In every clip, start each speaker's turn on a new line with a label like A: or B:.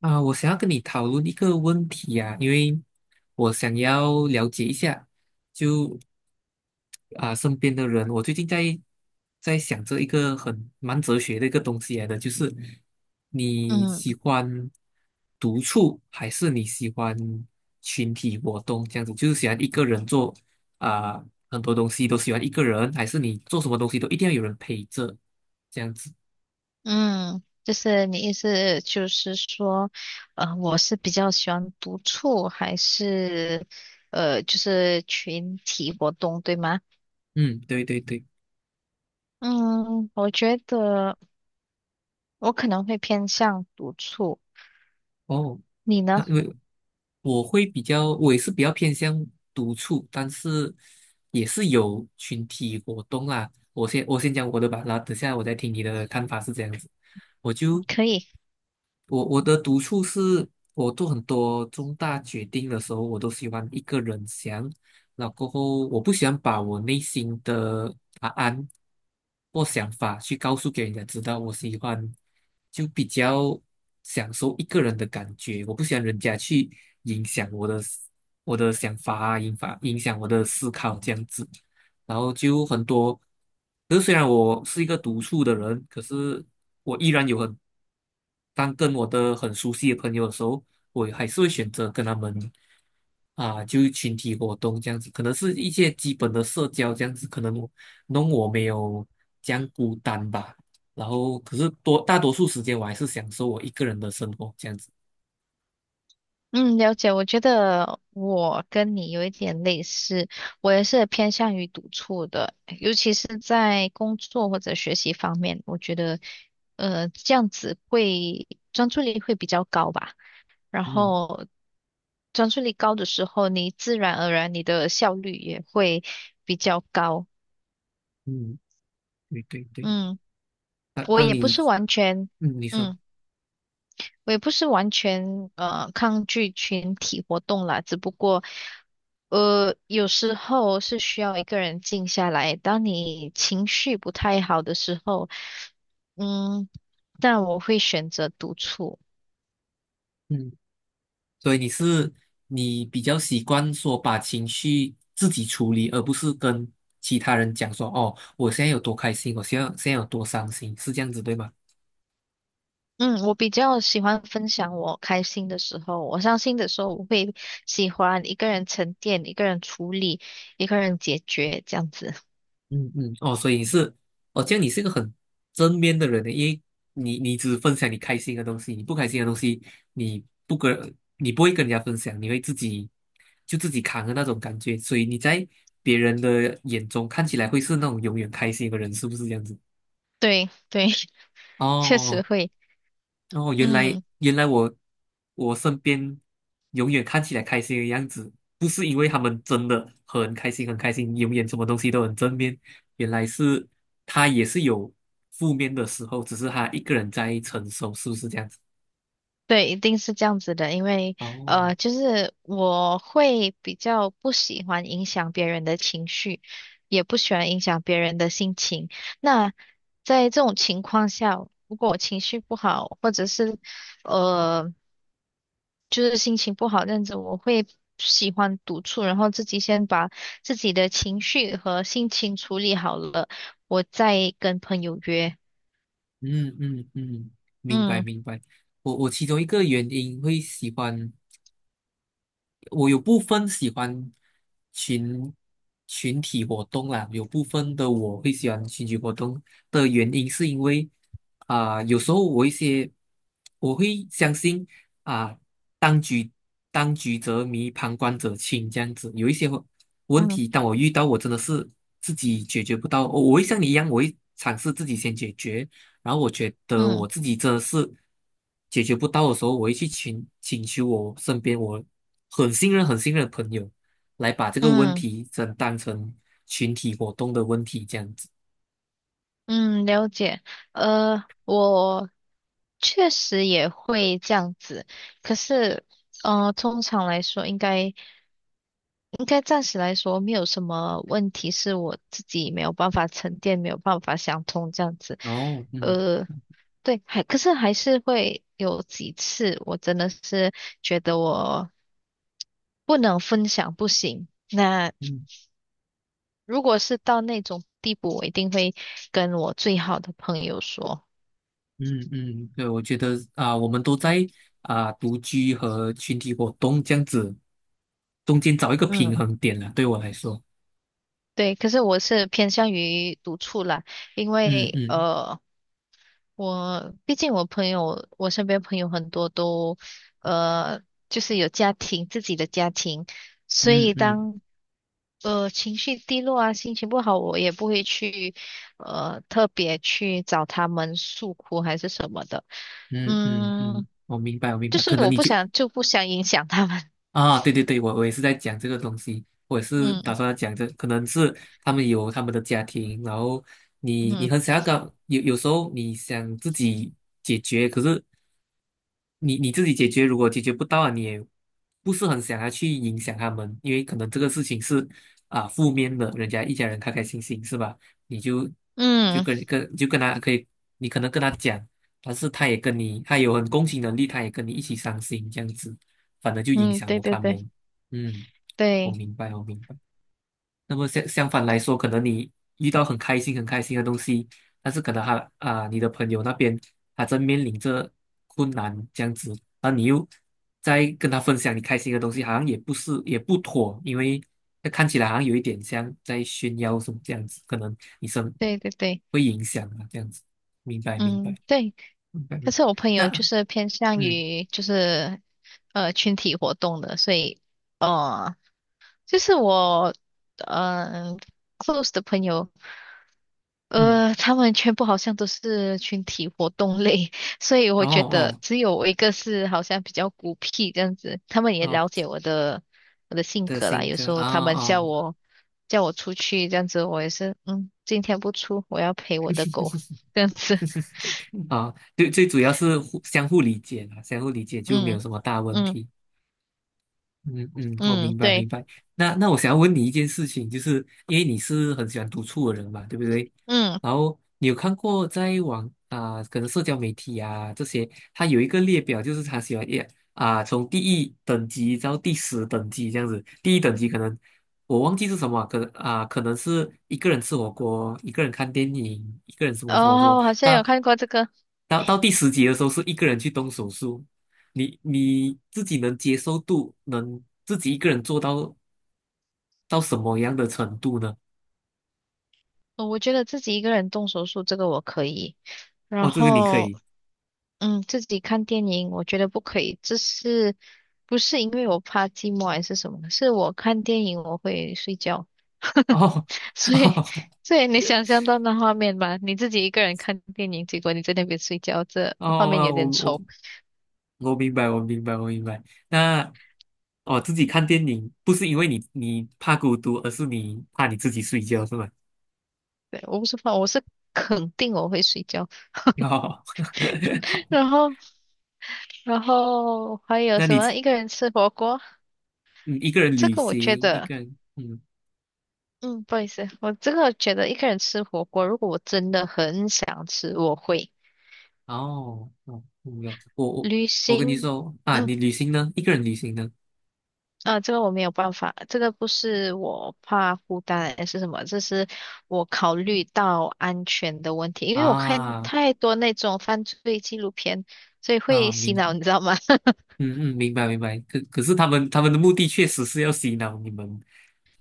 A: 啊，我想要跟你讨论一个问题啊，因为我想要了解一下，就身边的人，我最近在想着一个很蛮哲学的一个东西来的，就是你喜
B: 嗯
A: 欢独处还是你喜欢群体活动这样子，就是喜欢一个人做啊很多东西都喜欢一个人，还是你做什么东西都一定要有人陪着这样子？
B: 嗯，就是你意思就是说，我是比较喜欢独处，还是就是群体活动，对吗？
A: 嗯，对对对，
B: 嗯，我觉得我可能会偏向独处，
A: 哦。
B: 你呢？
A: 那因为我会比较，我也是比较偏向独处，但是也是有群体活动啦。我先讲我的吧，然后等下我再听你的看法是这样子。我就
B: 可以。
A: 我我的独处是，我做很多重大决定的时候，我都喜欢一个人想，然后过后我不喜欢把我内心的答案或想法去告诉给人家知道，我喜欢就比较享受一个人的感觉，我不喜欢人家去影响我的想法啊，影响我的思考这样子。然后就很多。可是虽然我是一个独处的人，可是我依然当跟我的很熟悉的朋友的时候，我还是会选择跟他们啊，就群体活动这样子，可能是一些基本的社交这样子，可能我没有这样孤单吧。然后，可是大多数时间我还是享受我一个人的生活这样子。
B: 嗯，了解。我觉得我跟你有一点类似，我也是偏向于独处的，尤其是在工作或者学习方面，我觉得，这样子会专注力会比较高吧。然
A: 嗯
B: 后专注力高的时候，你自然而然你的效率也会比较高。
A: 嗯，对对对，
B: 嗯，
A: 当
B: 我
A: 当
B: 也不
A: 你
B: 是完全，
A: 嗯你说。
B: 嗯。我也不是完全抗拒群体活动啦，只不过有时候是需要一个人静下来。当你情绪不太好的时候，嗯，但我会选择独处。
A: 嗯。所以你是你比较习惯说把情绪自己处理，而不是跟其他人讲说哦，我现在有多开心，我现在有多伤心，是这样子对吗？
B: 嗯，我比较喜欢分享我开心的时候，我伤心的时候，我会喜欢一个人沉淀，一个人处理，一个人解决这样子。
A: 嗯嗯，哦，所以你是哦，这样你是一个很正面的人呢，因为你你只分享你开心的东西，你不开心的东西你不跟你不会跟人家分享，你会自己就自己扛的那种感觉，所以你在别人的眼中看起来会是那种永远开心的人，是不是这样子？
B: 对对，确实
A: 哦，
B: 会。
A: 哦，原来
B: 嗯。
A: 原来我身边永远看起来开心的样子，不是因为他们真的很开心很开心，永远什么东西都很正面，原来是他也是有负面的时候，只是他一个人在承受，是不是这样子？
B: 对，一定是这样子的，因为
A: 哦，
B: 就是我会比较不喜欢影响别人的情绪，也不喜欢影响别人的心情。那在这种情况下，如果我情绪不好，或者是呃，就是心情不好那样子，我会喜欢独处，然后自己先把自己的情绪和心情处理好了，我再跟朋友约。
A: 嗯嗯嗯，明白
B: 嗯
A: 明白。我其中一个原因会喜欢。我有部分喜欢群群体活动啦，有部分的我会喜欢群体活动的原因是因为啊、有时候我一些我会相信啊、当局当局者迷，旁观者清这样子，有一些问题，
B: 嗯
A: 当我遇到，我真的是自己解决不到，我会像你一样，我会尝试自己先解决。然后我觉得我
B: 嗯
A: 自己真的是解决不到的时候，我会去请求我身边我很信任、很信任的朋友来把这个问
B: 嗯。
A: 题真当成群体活动的问题这样子。
B: 嗯，了解。我确实也会这样子，可是，通常来说，应该暂时来说没有什么问题，是我自己没有办法沉淀，没有办法想通这样子。
A: 哦，嗯
B: 呃，对，还可是还是会有几次，我真的是觉得我不能分享，不行。那
A: 嗯
B: 如果是到那种地步，我一定会跟我最好的朋友说。
A: 嗯嗯，对，我觉得啊、我们都在啊、独居和群体活动这样子中间找一个平
B: 嗯。
A: 衡点了，对我来说。
B: 对，可是我是偏向于独处啦，因
A: 嗯
B: 为
A: 嗯
B: 我毕竟我朋友，我身边朋友很多都呃，就是有家庭，自己的家庭，所
A: 嗯
B: 以
A: 嗯
B: 当情绪低落啊，心情不好，我也不会去特别去找他们诉苦还是什么的，
A: 嗯嗯嗯，
B: 嗯，
A: 我明白，我明
B: 就
A: 白。
B: 是
A: 可能
B: 我
A: 你
B: 不
A: 就
B: 想就不想影响他们，
A: 啊，对对对，我也是在讲这个东西，我也是打
B: 嗯
A: 算要讲这，可能是他们有他们的家庭，然后你
B: 嗯
A: 很想要搞，有时候你想自己解决，可是你自己解决，如果解决不到啊，你也不是很想要去影响他们，因为可能这个事情是啊负面的，人家一家人开开心心是吧？你就就
B: 嗯
A: 跟跟就跟他可以，你可能跟他讲，但是他也跟你，他有很共情能力，他也跟你一起伤心这样子，反而就影
B: 嗯，
A: 响
B: 对
A: 了
B: 对
A: 他
B: 对
A: 们。嗯，我
B: 对
A: 明白，我明白。那么相反来说，可能你遇到很开心、很开心的东西，但是可能他啊、你的朋友那边他正面临着困难这样子，然后你又在跟他分享你开心的东西，好像也不是也不妥，因为那看起来好像有一点像在炫耀什么这样子，可能你生
B: 对对对，
A: 会影响啊这样子。明白，明白，
B: 嗯对。
A: 明白。
B: 可
A: 明
B: 是我朋友
A: 那
B: 就是偏向
A: 嗯
B: 于就是群体活动的，所以呃就是我嗯、呃 close 的朋友，
A: 嗯，
B: 他们全部好像都是群体活动类，所以我
A: 哦
B: 觉得
A: 哦
B: 只有我一个是好像比较孤僻这样子，他们也了
A: 哦
B: 解我的我的性
A: 的
B: 格啦，
A: 新
B: 有
A: 歌
B: 时候
A: 啊
B: 他们叫
A: 哦。
B: 我叫我出去这样子，我也是嗯今天不出，我要
A: 哦
B: 陪我的狗 这样子，
A: 啊，最最主要是互相互理解啦，相互理解 就没
B: 嗯
A: 有什么大问
B: 嗯
A: 题。嗯嗯，我
B: 嗯
A: 明白明
B: 对。
A: 白。那我想要问你一件事情，就是因为你是很喜欢独处的人嘛，对不对？
B: 嗯，
A: 然后你有看过在可能社交媒体啊这些，它有一个列表，就是他喜欢也啊、从第一等级到第10等级这样子。第一等级可能我忘记是什么啊可能啊、可能是一个人吃火锅，一个人看电影，一个人什么什么什
B: 哦，
A: 么。
B: 我好像有
A: 到
B: 看过这个。
A: 到到第10级的时候，是一个人去动手术。你自己能接受度，能自己一个人做到什么样的程度呢？
B: 我觉得自己一个人动手术这个我可以，然
A: 哦，这个你可
B: 后
A: 以
B: 嗯，自己看电影我觉得不可以，这是不是因为我怕寂寞还是什么？是我看电影我会睡觉，
A: 哦
B: 所以 所以你想象到那画面吧，你自己一个人看电影，结果你在那边睡觉，这
A: 哦
B: 画面有
A: 哦，
B: 点
A: 我
B: 丑。
A: 我明白，我明白，我明白。那哦，自己看电影不是因为你怕孤独，而是你怕你自己睡觉，是吗？
B: 对，我不是怕，我是肯定我会睡觉。
A: 哦，好，
B: 然后还有
A: 那
B: 什
A: 你
B: 么？一个人吃火锅。
A: 你一个人
B: 这
A: 旅
B: 个我觉
A: 行，一
B: 得，
A: 个人嗯
B: 嗯，不好意思，我这个觉得一个人吃火锅，如果我真的很想吃，我会
A: 哦哦，明白。我
B: 旅
A: 我跟你
B: 行，
A: 说啊，
B: 嗯，
A: 你旅行呢？一个人旅行呢？
B: 啊，这个我没有办法，这个不是我怕孤单还是什么，这是我考虑到安全的问题，因为我看
A: 啊
B: 太多那种犯罪纪录片，所以会
A: 啊，
B: 洗脑，你知道吗？
A: 嗯嗯，明白明白。可是他们的目的确实是要洗脑你们，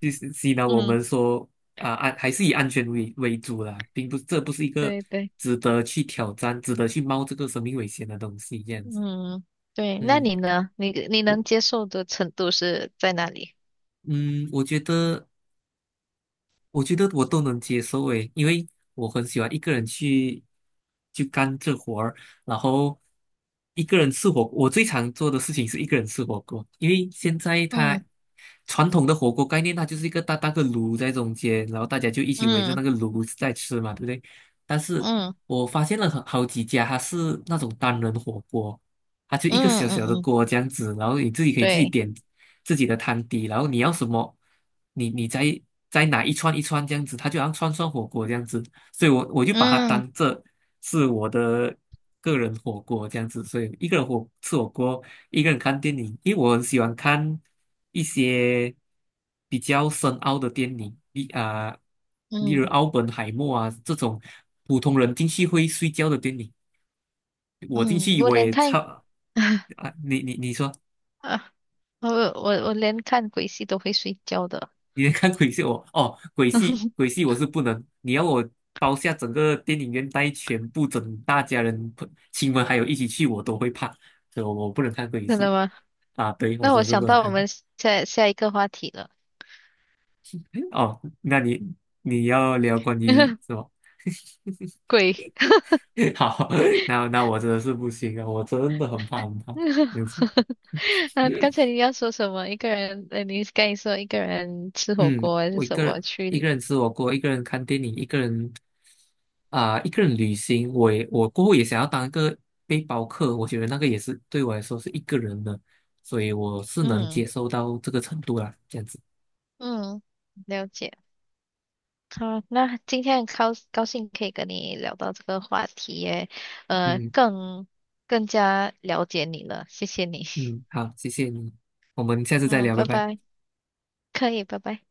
A: 就是洗脑我
B: 嗯，
A: 们说还是以安全为主啦，并不这不是一个
B: 对对，
A: 值得去挑战、值得去冒这个生命危险的东西这样子。
B: 嗯，对，那
A: 嗯，
B: 你呢？你你能
A: 我
B: 接受的程度是在哪里？
A: 嗯我觉得。我觉得我都能接受诶，因为我很喜欢一个人去干这活儿，然后一个人吃火锅。我最常做的事情是一个人吃火锅，因为现在
B: 嗯
A: 它传统的火锅概念，它就是一个大大个炉在中间，然后大家就一起围着那
B: 嗯
A: 个炉子在吃嘛，对不对？但是
B: 嗯
A: 我发现了很好几家，它是那种单人火锅，它就一个小
B: 嗯嗯
A: 小
B: 嗯
A: 的
B: 嗯。
A: 锅这样子，然后你自己可以自己
B: 对，
A: 点自己的汤底，然后你要什么，你再拿一串一串这样子，它就好像串串火锅这样子，所以我就把它
B: 嗯
A: 当这是我的个人火锅这样子，所以一个人火锅，一个人看电影，因为我很喜欢看一些比较深奥的电影，例如
B: 嗯
A: 《奥本海默》啊这种普通人进去会睡觉的电影。我进
B: 嗯，
A: 去
B: 我
A: 我
B: 连
A: 也
B: 看
A: 超 啊，你说，
B: 啊，我我连看鬼戏都会睡觉的，
A: 你看鬼戏我哦，鬼戏鬼 戏我是不能，你要我包下整个电影院带全部整大家人朋亲们还有一起去，我都会怕，所以我不能看鬼
B: 真
A: 戏
B: 的吗？
A: 啊，对我
B: 那我
A: 真是
B: 想
A: 不能
B: 到我
A: 看。
B: 们下下一个话题了，
A: 哦，那你你要聊关 于是吧？
B: 鬼。
A: 好，那我真的是不行啊，我真的很怕很怕这 样子。
B: 啊，刚才你要说什么？一个人，你刚才说一个人吃火
A: 嗯，
B: 锅还是
A: 我一
B: 什
A: 个
B: 么
A: 人一
B: 去？
A: 个人吃火锅，一个人看电影，一个人啊、一个人旅行。我过后也想要当一个背包客，我觉得那个也是对我来说是一个人的，所以我是能
B: 嗯
A: 接受到这个程度啦，这样子。
B: 嗯，了解。好，那今天很高高兴可以跟你聊到这个话题耶，
A: 嗯
B: 更更加了解你了，谢谢你。
A: 嗯，好，谢谢你，我们下 次再
B: 嗯，
A: 聊，
B: 拜
A: 拜拜。
B: 拜，可以，拜拜。